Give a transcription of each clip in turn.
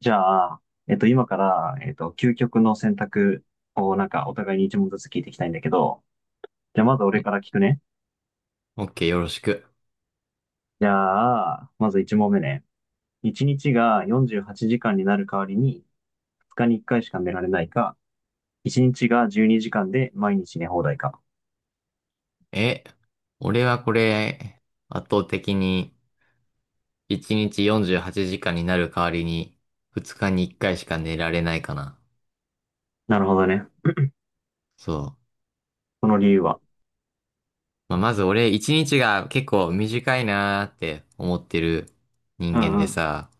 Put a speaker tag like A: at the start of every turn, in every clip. A: じゃあ、今から、究極の選択をなんかお互いに一問ずつ聞いていきたいんだけど、じゃあまず俺
B: ん
A: から聞くね。
B: OK、よろしく。
A: じゃあ、まず一問目ね。一日が48時間になる代わりに、二日に一回しか寝られないか、一日が12時間で毎日寝放題か。
B: え、俺はこれ、圧倒的に1日48時間になる代わりに、2日に1回しか寝られないかな。
A: なるほどね。
B: そう。
A: この理由は。
B: まあ、まず俺、1日が結構短いなーって思ってる
A: う
B: 人間
A: んう
B: で
A: ん。
B: さ、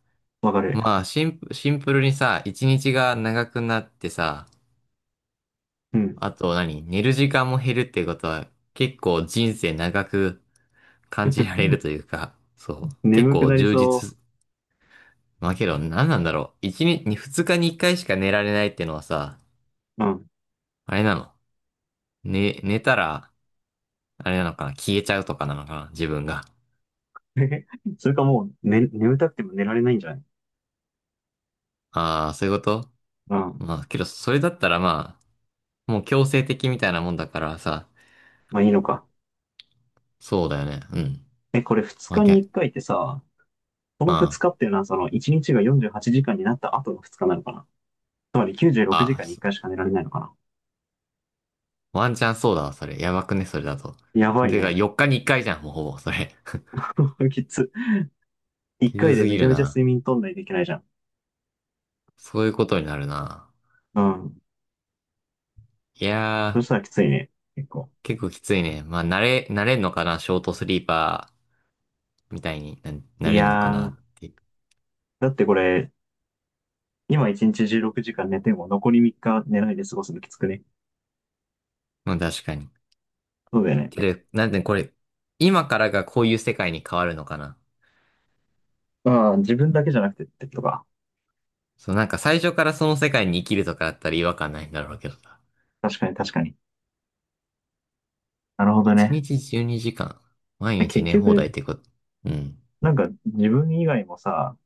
A: わかる。
B: まあ、シンプルにさ、1日が長くなってさ、
A: うん。
B: あと何寝る時間も減るってことは、結構人生長く感じられ るというか、そう。結
A: 眠く
B: 構
A: なり
B: 充
A: そ
B: 実。まあけど、何なんだろう。二日に一回しか寝られないってのはさ、
A: う。うん。
B: あれなの。寝たら、あれなのかな、消えちゃうとかなのかな、自分が。
A: それかもう、ね、眠たくても寝られないんじゃない？
B: ああ、そういうこと。
A: うん。
B: まあけど、それだったらまあ、もう強制的みたいなもんだからさ、
A: まあいいのか。
B: そうだよね。うん。
A: え、これ二
B: まあ、
A: 日
B: ぎ
A: に
B: ゃ、
A: 一回ってさ、この2
B: あ
A: 日っていうのは、その1日が48時間になった後の2日なのかな？つまり96時
B: あ、
A: 間に1
B: そ
A: 回しか寝られないのかな？
B: ワンチャンそうだわ、それ。やばくね、それだと。
A: やばい
B: てか、
A: ね。
B: 4日に1回じゃん、もうほぼ、それ。
A: きつ。1
B: きつ
A: 回で
B: す
A: め
B: ぎ
A: ち
B: る
A: ゃめちゃ
B: な。
A: 睡眠取んないといけないじゃん。
B: そういうことになるな。
A: うん。
B: い
A: そ
B: や
A: し
B: ー、
A: たらきついね。結構。
B: 結構きついね。まあ、慣れんのかな、ショートスリーパーみたいにな、な
A: い
B: れるの
A: や
B: かなっ
A: ー。
B: て。
A: だってこれ、今1日16時間寝ても残り3日寝ないで過ごすのきつくね？
B: まあ確かに。
A: そうだよね。
B: けど、なんでこれ、今からがこういう世界に変わるのかな。
A: ああ、自分だけじゃなくてってことか。
B: そう、なんか最初からその世界に生きるとかだったら違和感ないんだろうけどさ。
A: 確かに確かに。なるほど
B: 1
A: ね。
B: 日12時間、毎日
A: 結
B: 寝放
A: 局、
B: 題ってこと。うん。
A: なんか自分以外もさ、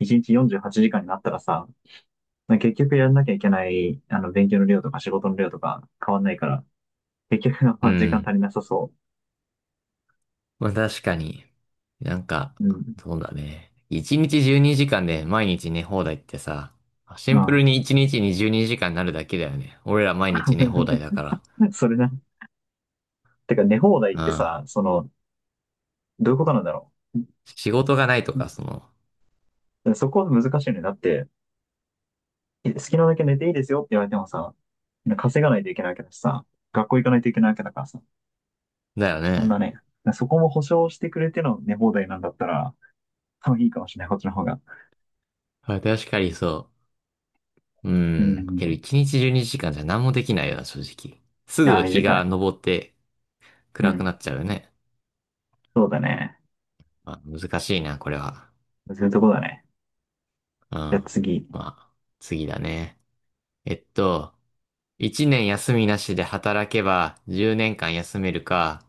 A: 1日48時間になったらさ、まあ結局やんなきゃいけない、あの、勉強の量とか仕事の量とか変わんないから、結局あん
B: う
A: ま時間
B: ん。
A: 足りなさそ
B: まあ確かに。なんか、
A: う。うん。
B: そうだね。1日12時間で毎日寝放題ってさ、シ
A: う
B: ンプ
A: ん。
B: ルに1日に12時間にじかんになるだけだよね。俺ら毎日寝放題だから。
A: それな。てか、寝放題
B: う
A: って
B: ん。
A: さ、その、どういうことなんだろう。
B: 仕事がないとか、
A: そこは難しいよね。だって、好きなだけ寝ていいですよって言われてもさ、稼がないといけないわけだしさ、学校行かないといけないわけだからさ、
B: だよ
A: そん
B: ね。
A: なね、そこも保証してくれての寝放題なんだったら、多分いいかもしれない、こっちの方が。
B: 確かに。そう。う
A: う
B: ん。
A: ん。
B: けど
A: い
B: 一日12時間じかんじゃ何もできないよな、正直。す
A: や、
B: ぐ日
A: 短
B: が
A: い。
B: 昇って
A: う
B: 暗く
A: ん。
B: なっちゃうよね。
A: そうだね。
B: まあ、難しいな、これは。
A: そういうとこだね。
B: うん。
A: じゃあ
B: ま
A: 次。
B: あ、次だね。えっと、1年休みなしで働けば10年間休めるか、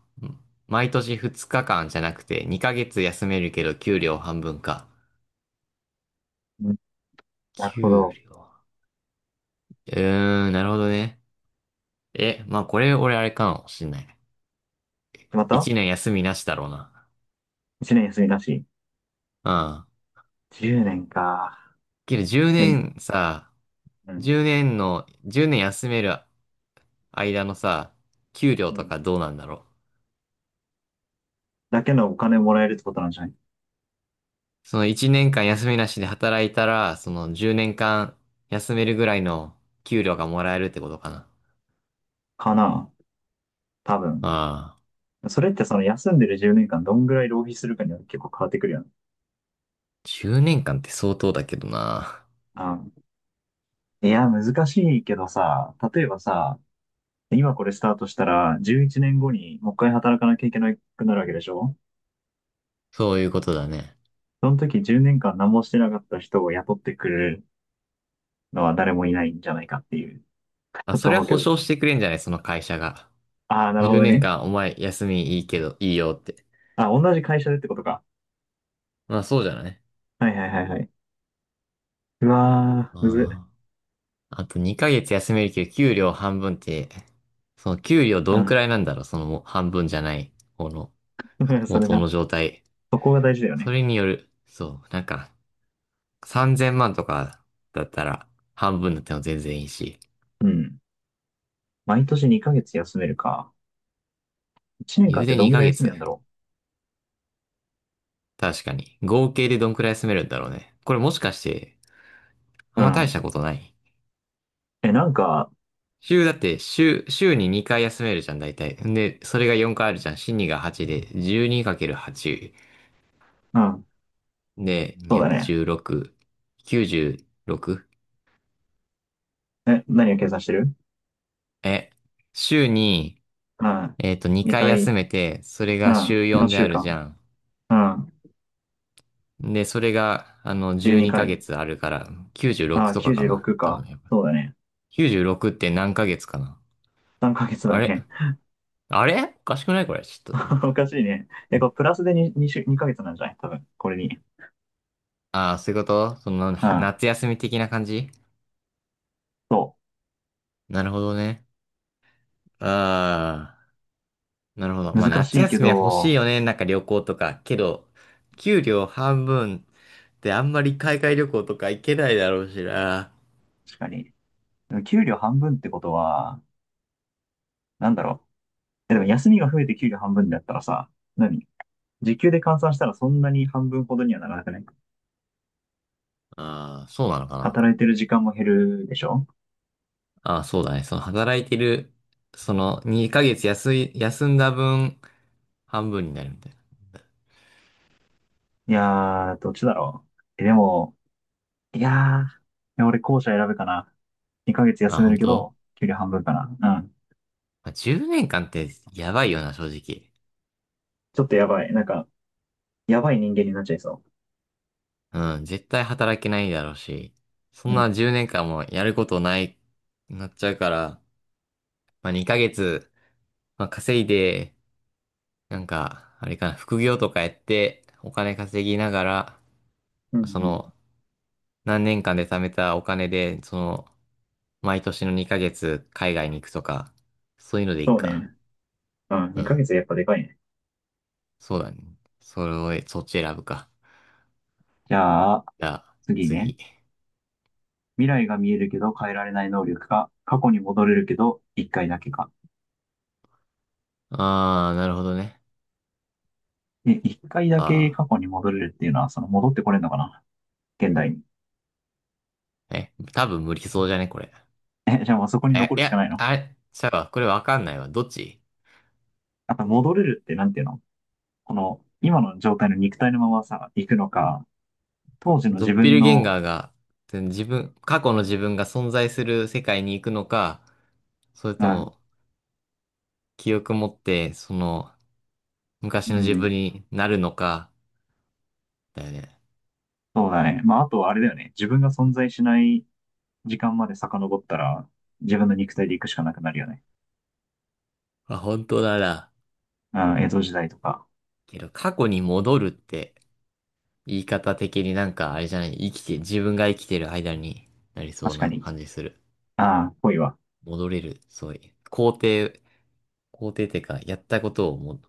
B: 毎年2日間じゃなくて2ヶ月休めるけど給料半分か。
A: うん、なるほ
B: 給
A: ど。
B: 料。うーん、なるほどね。え、まあこれ俺あれかもしんない。
A: また
B: 1年休みなしだろうな。
A: ?1 年休みなし。
B: うん。
A: 10年か。
B: けど10
A: ね？
B: 年さ、
A: うん。
B: 10年の、10年休める間のさ、給料
A: う
B: と
A: ん。
B: かどうなんだろう。
A: だけのお金もらえるってことなんじゃない？
B: その1年間休みなしで働いたら、その10年間休めるぐらいの給料がもらえるってことかな。
A: かな。多分。
B: ああ、
A: それってその休んでる10年間どんぐらい浪費するかによって結構変わってくるよね。
B: 10年間って相当だけどな。
A: あ、いや、難しいけどさ、例えばさ、今これスタートしたら、11年後にもう一回働かなきゃいけなくなるわけでしょ？
B: そういうことだね。
A: その時10年間何もしてなかった人を雇ってくれるのは誰もいないんじゃないかっていう。ち
B: あ、
A: ょっ
B: そ
A: と
B: れは
A: 思うけ
B: 保
A: ど。
B: 証してくれんじゃない、その会社が。
A: ああ、なるほ
B: 10
A: ど
B: 年
A: ね。
B: 間お前休みいいけど、いいよって。
A: あ、同じ会社でってことか。
B: まあそうじゃない。
A: はいはいはいはい。うわー、むずっ。
B: ああ。あと2ヶ月休めるけど、給料半分って、その給料
A: う
B: どんく
A: ん。
B: らいなんだろう、そのもう半分じゃない、この
A: それ
B: 元
A: な。
B: の状態。
A: そこが大事だよ
B: そ
A: ね。
B: れによる、そう、なんか3000万とかだったら半分だっても全然いいし、
A: うん。毎年2ヶ月休めるか。1年
B: 言
A: 間っ
B: う
A: て
B: で
A: どんぐ
B: 2
A: らい
B: ヶ
A: 休み
B: 月。
A: なんだろ
B: 確かに。合計でどんくらい休めるんだろうね。これもしかして、あ
A: う。う
B: んま大し
A: ん。
B: たことない。
A: え、なんか、
B: 週だって、週に2回休めるじゃん、大体。んで、それが4回あるじゃん。週2が8で、12×8。
A: うん。
B: で、に
A: そ
B: ひ
A: う
B: ゃ
A: だね。
B: くじゅうん。216、96?
A: え、何を計算してる？
B: え、週に、
A: うん。
B: 2回
A: 2回、
B: 休めて、それ
A: う
B: が
A: ん。
B: 週4で
A: 4
B: あ
A: 週
B: るじゃ
A: 間。
B: ん。
A: うん。
B: で、それが、
A: 12
B: 12ヶ
A: 回。
B: 月あるから、
A: あ
B: 96
A: あ、
B: とかかな。
A: 96
B: 多
A: か。
B: 分、やっぱ。
A: そうだね。
B: 96って何ヶ月かな。
A: 3ヶ月だ
B: あれ、
A: ね。
B: あれおかしくないこれ。ちょっ
A: お
B: と。
A: かしいね。え、これプラスで2ヶ月なんじゃない？多分、これに。
B: ああ、そういうこと。
A: うん。
B: 夏休み的な感じ。
A: そ
B: なるほどね。ああ。なるほど。
A: う。
B: まあ
A: 難
B: 夏
A: しいけ
B: 休みは欲しい
A: ど、
B: よね。なんか旅行とか。けど、給料半分であんまり海外旅行とか行けないだろうしな。
A: 確かに。でも給料半分ってことは、なんだろう。え、でも休みが増えて給料半分だったらさ、何？時給で換算したらそんなに半分ほどにはならなくない？
B: ああ、そうなのかな。
A: 働いてる時間も減るでしょ？
B: ああ、そうだね。その働いてる、その2ヶ月休んだ分、半分になるみたい
A: いやー、どっちだろう。え、でも、いやー、いや俺後者選ぶかな。2ヶ月
B: な。あ、
A: 休める
B: 本
A: け
B: 当。
A: ど、給料半分かな。うん。
B: まあ、10年間ってやばいよな、正直。
A: ちょっとやばい。なんか、やばい人間になっちゃいそ
B: うん、絶対働けないだろうし、そ
A: う。
B: ん
A: う
B: な
A: ん。
B: 10年間もやることない、なっちゃうから、まあ、2ヶ月、まあ、稼いで、なんか、あれかな、副業とかやって、お金稼ぎながら、
A: うん
B: そ
A: うん。
B: の、何年間で貯めたお金で、その、毎年の2ヶ月海外に行くとか、そういうのでいい
A: そう
B: か。
A: ね。うん、
B: う
A: 2ヶ
B: ん。
A: 月やっぱでかいね。
B: そうだね。それを、そっち選ぶか。
A: じゃあ、
B: じゃあ、
A: 次ね。
B: 次。
A: 未来が見えるけど変えられない能力か、過去に戻れるけど1回だけか。
B: あー、なるほどね。
A: え、一回だけ
B: あ
A: 過去に戻れるっていうのは、その戻ってこれるのかな？現代に。
B: ー。え、多分無理そうじゃね、これ。
A: え、じゃあもうそこに
B: え、
A: 残る
B: い
A: しか
B: や、
A: ないの？
B: あれ、ちゃうわ。これわかんないわ。どっち。
A: あと戻れるってなんていうの？この、今の状態の肉体のままさ、行くのか、当時の
B: ドッ
A: 自
B: ペ
A: 分
B: ルゲン
A: の、
B: ガーが、自分、過去の自分が存在する世界に行くのか、それと
A: あ、
B: も、記憶持って、その、昔
A: う
B: の自
A: ん、
B: 分になるのか、だよね。
A: そうだね。まあ、あとあれだよね。自分が存在しない時間まで遡ったら、自分の肉体で行くしかなくなるよね。
B: あ、本当だな。
A: あー、江戸時代とか。
B: けど、過去に戻るって、言い方的になんか、あれじゃない、生きて、自分が生きてる間になりそう
A: 確か
B: な
A: に。
B: 感じする。
A: ああ、ぽいわ。
B: 戻れる、そういう。肯定ってか、やったことをもう、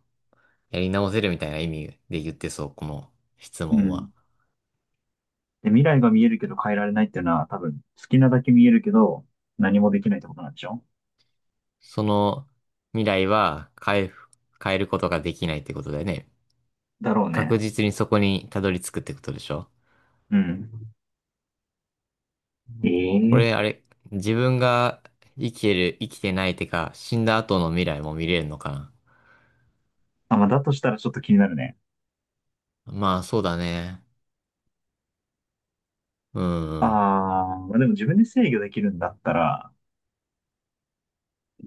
B: やり直せるみたいな意味で言ってそう、この質
A: う
B: 問
A: ん。
B: は。
A: で、未来が見えるけど変えられないっていうのは、多分、好きなだけ見えるけど、何もできないってことなんでしょ？
B: その未来は変えることができないってことだよね。
A: だろう
B: 確
A: ね。
B: 実にそこにたどり着くってことでしょ。
A: うん。
B: こ
A: ええ、
B: れ、あれ、自分が生きてる、生きてないてか、死んだ後の未来も見れるのかな。
A: あ、まあ、だとしたらちょっと気になるね。
B: まあ、そうだね。うん、
A: あ
B: うん。
A: あ、まあ、でも自分で制御できるんだったら、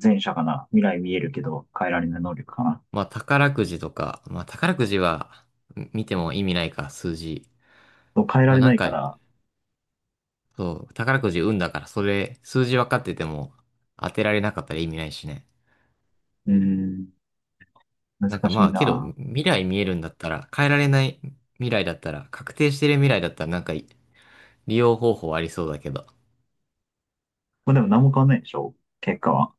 A: 前者かな。未来見えるけど、変えられない能力かな。
B: まあ、宝くじとか、まあ、宝くじは見ても意味ないか、数字。
A: そう、変えら
B: まあ、
A: れ
B: な
A: な
B: ん
A: いか
B: か、
A: ら、
B: そう、宝くじ運だから、それ、数字分かってても当てられなかったら意味ないしね。
A: うーん、難
B: なんか
A: し
B: ま
A: い
B: あ、けど、
A: な。
B: 未来見えるんだったら、変えられない未来だったら、確定してる未来だったら、なんか、利用方法ありそうだけど。
A: まあ、でも何も変わんないでしょ？結果は。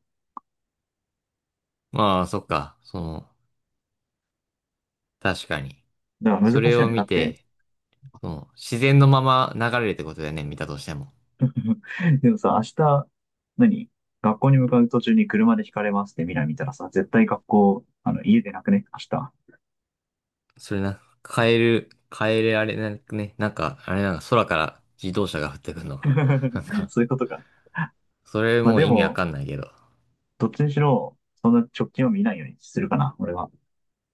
B: まあ、そっか、その、確かに。
A: だから
B: そ
A: 難
B: れ
A: しいよ
B: を
A: ね。だ
B: 見
A: って、
B: て、その、自然のまま流れるってことだよね、見たとしても。
A: でもさ、明日、何？学校に向かう途中に車で引かれますって未来見たらさ、絶対学校、あの、家でなくね明日？
B: それな、カエルあれなんかね、なんか、あれなんか空から自動車が降ってくるのかな。なん か、
A: そういうことか。
B: それ
A: まあ
B: もう
A: で
B: 意味わ
A: も、
B: かんないけど。
A: どっちにしろ、そんな直近を見ないようにするかな、俺は。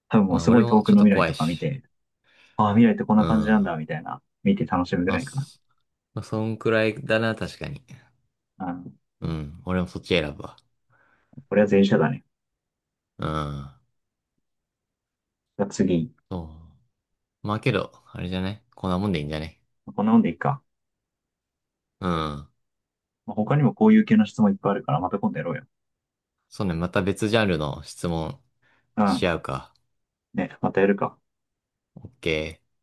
A: 多分も
B: ま
A: う
B: あ
A: すご
B: 俺
A: い遠
B: も
A: く
B: ちょっ
A: の
B: と
A: 未来
B: 怖
A: と
B: い
A: か見
B: し。
A: て、ああ、未来ってこん
B: う
A: な感じなんだ、
B: ん。
A: みたいな、見て楽しむぐ
B: まあ、
A: らいかな。
B: そまあそんくらいだな、確かに。
A: うん。
B: うん。俺もそっち選ぶわ。
A: これは前者だね。
B: うん。
A: じゃあ次。
B: そう。まあけど、あれじゃねこんなもんでいいんじゃね。
A: こんなもんでいいか。
B: うん。
A: まあ他にもこういう系の質問いっぱいあるから、また今度やろうよ。
B: そうね、また別ジャンルの質問
A: う
B: し
A: ん。
B: 合うか。
A: ね、またやるか。
B: オッケー。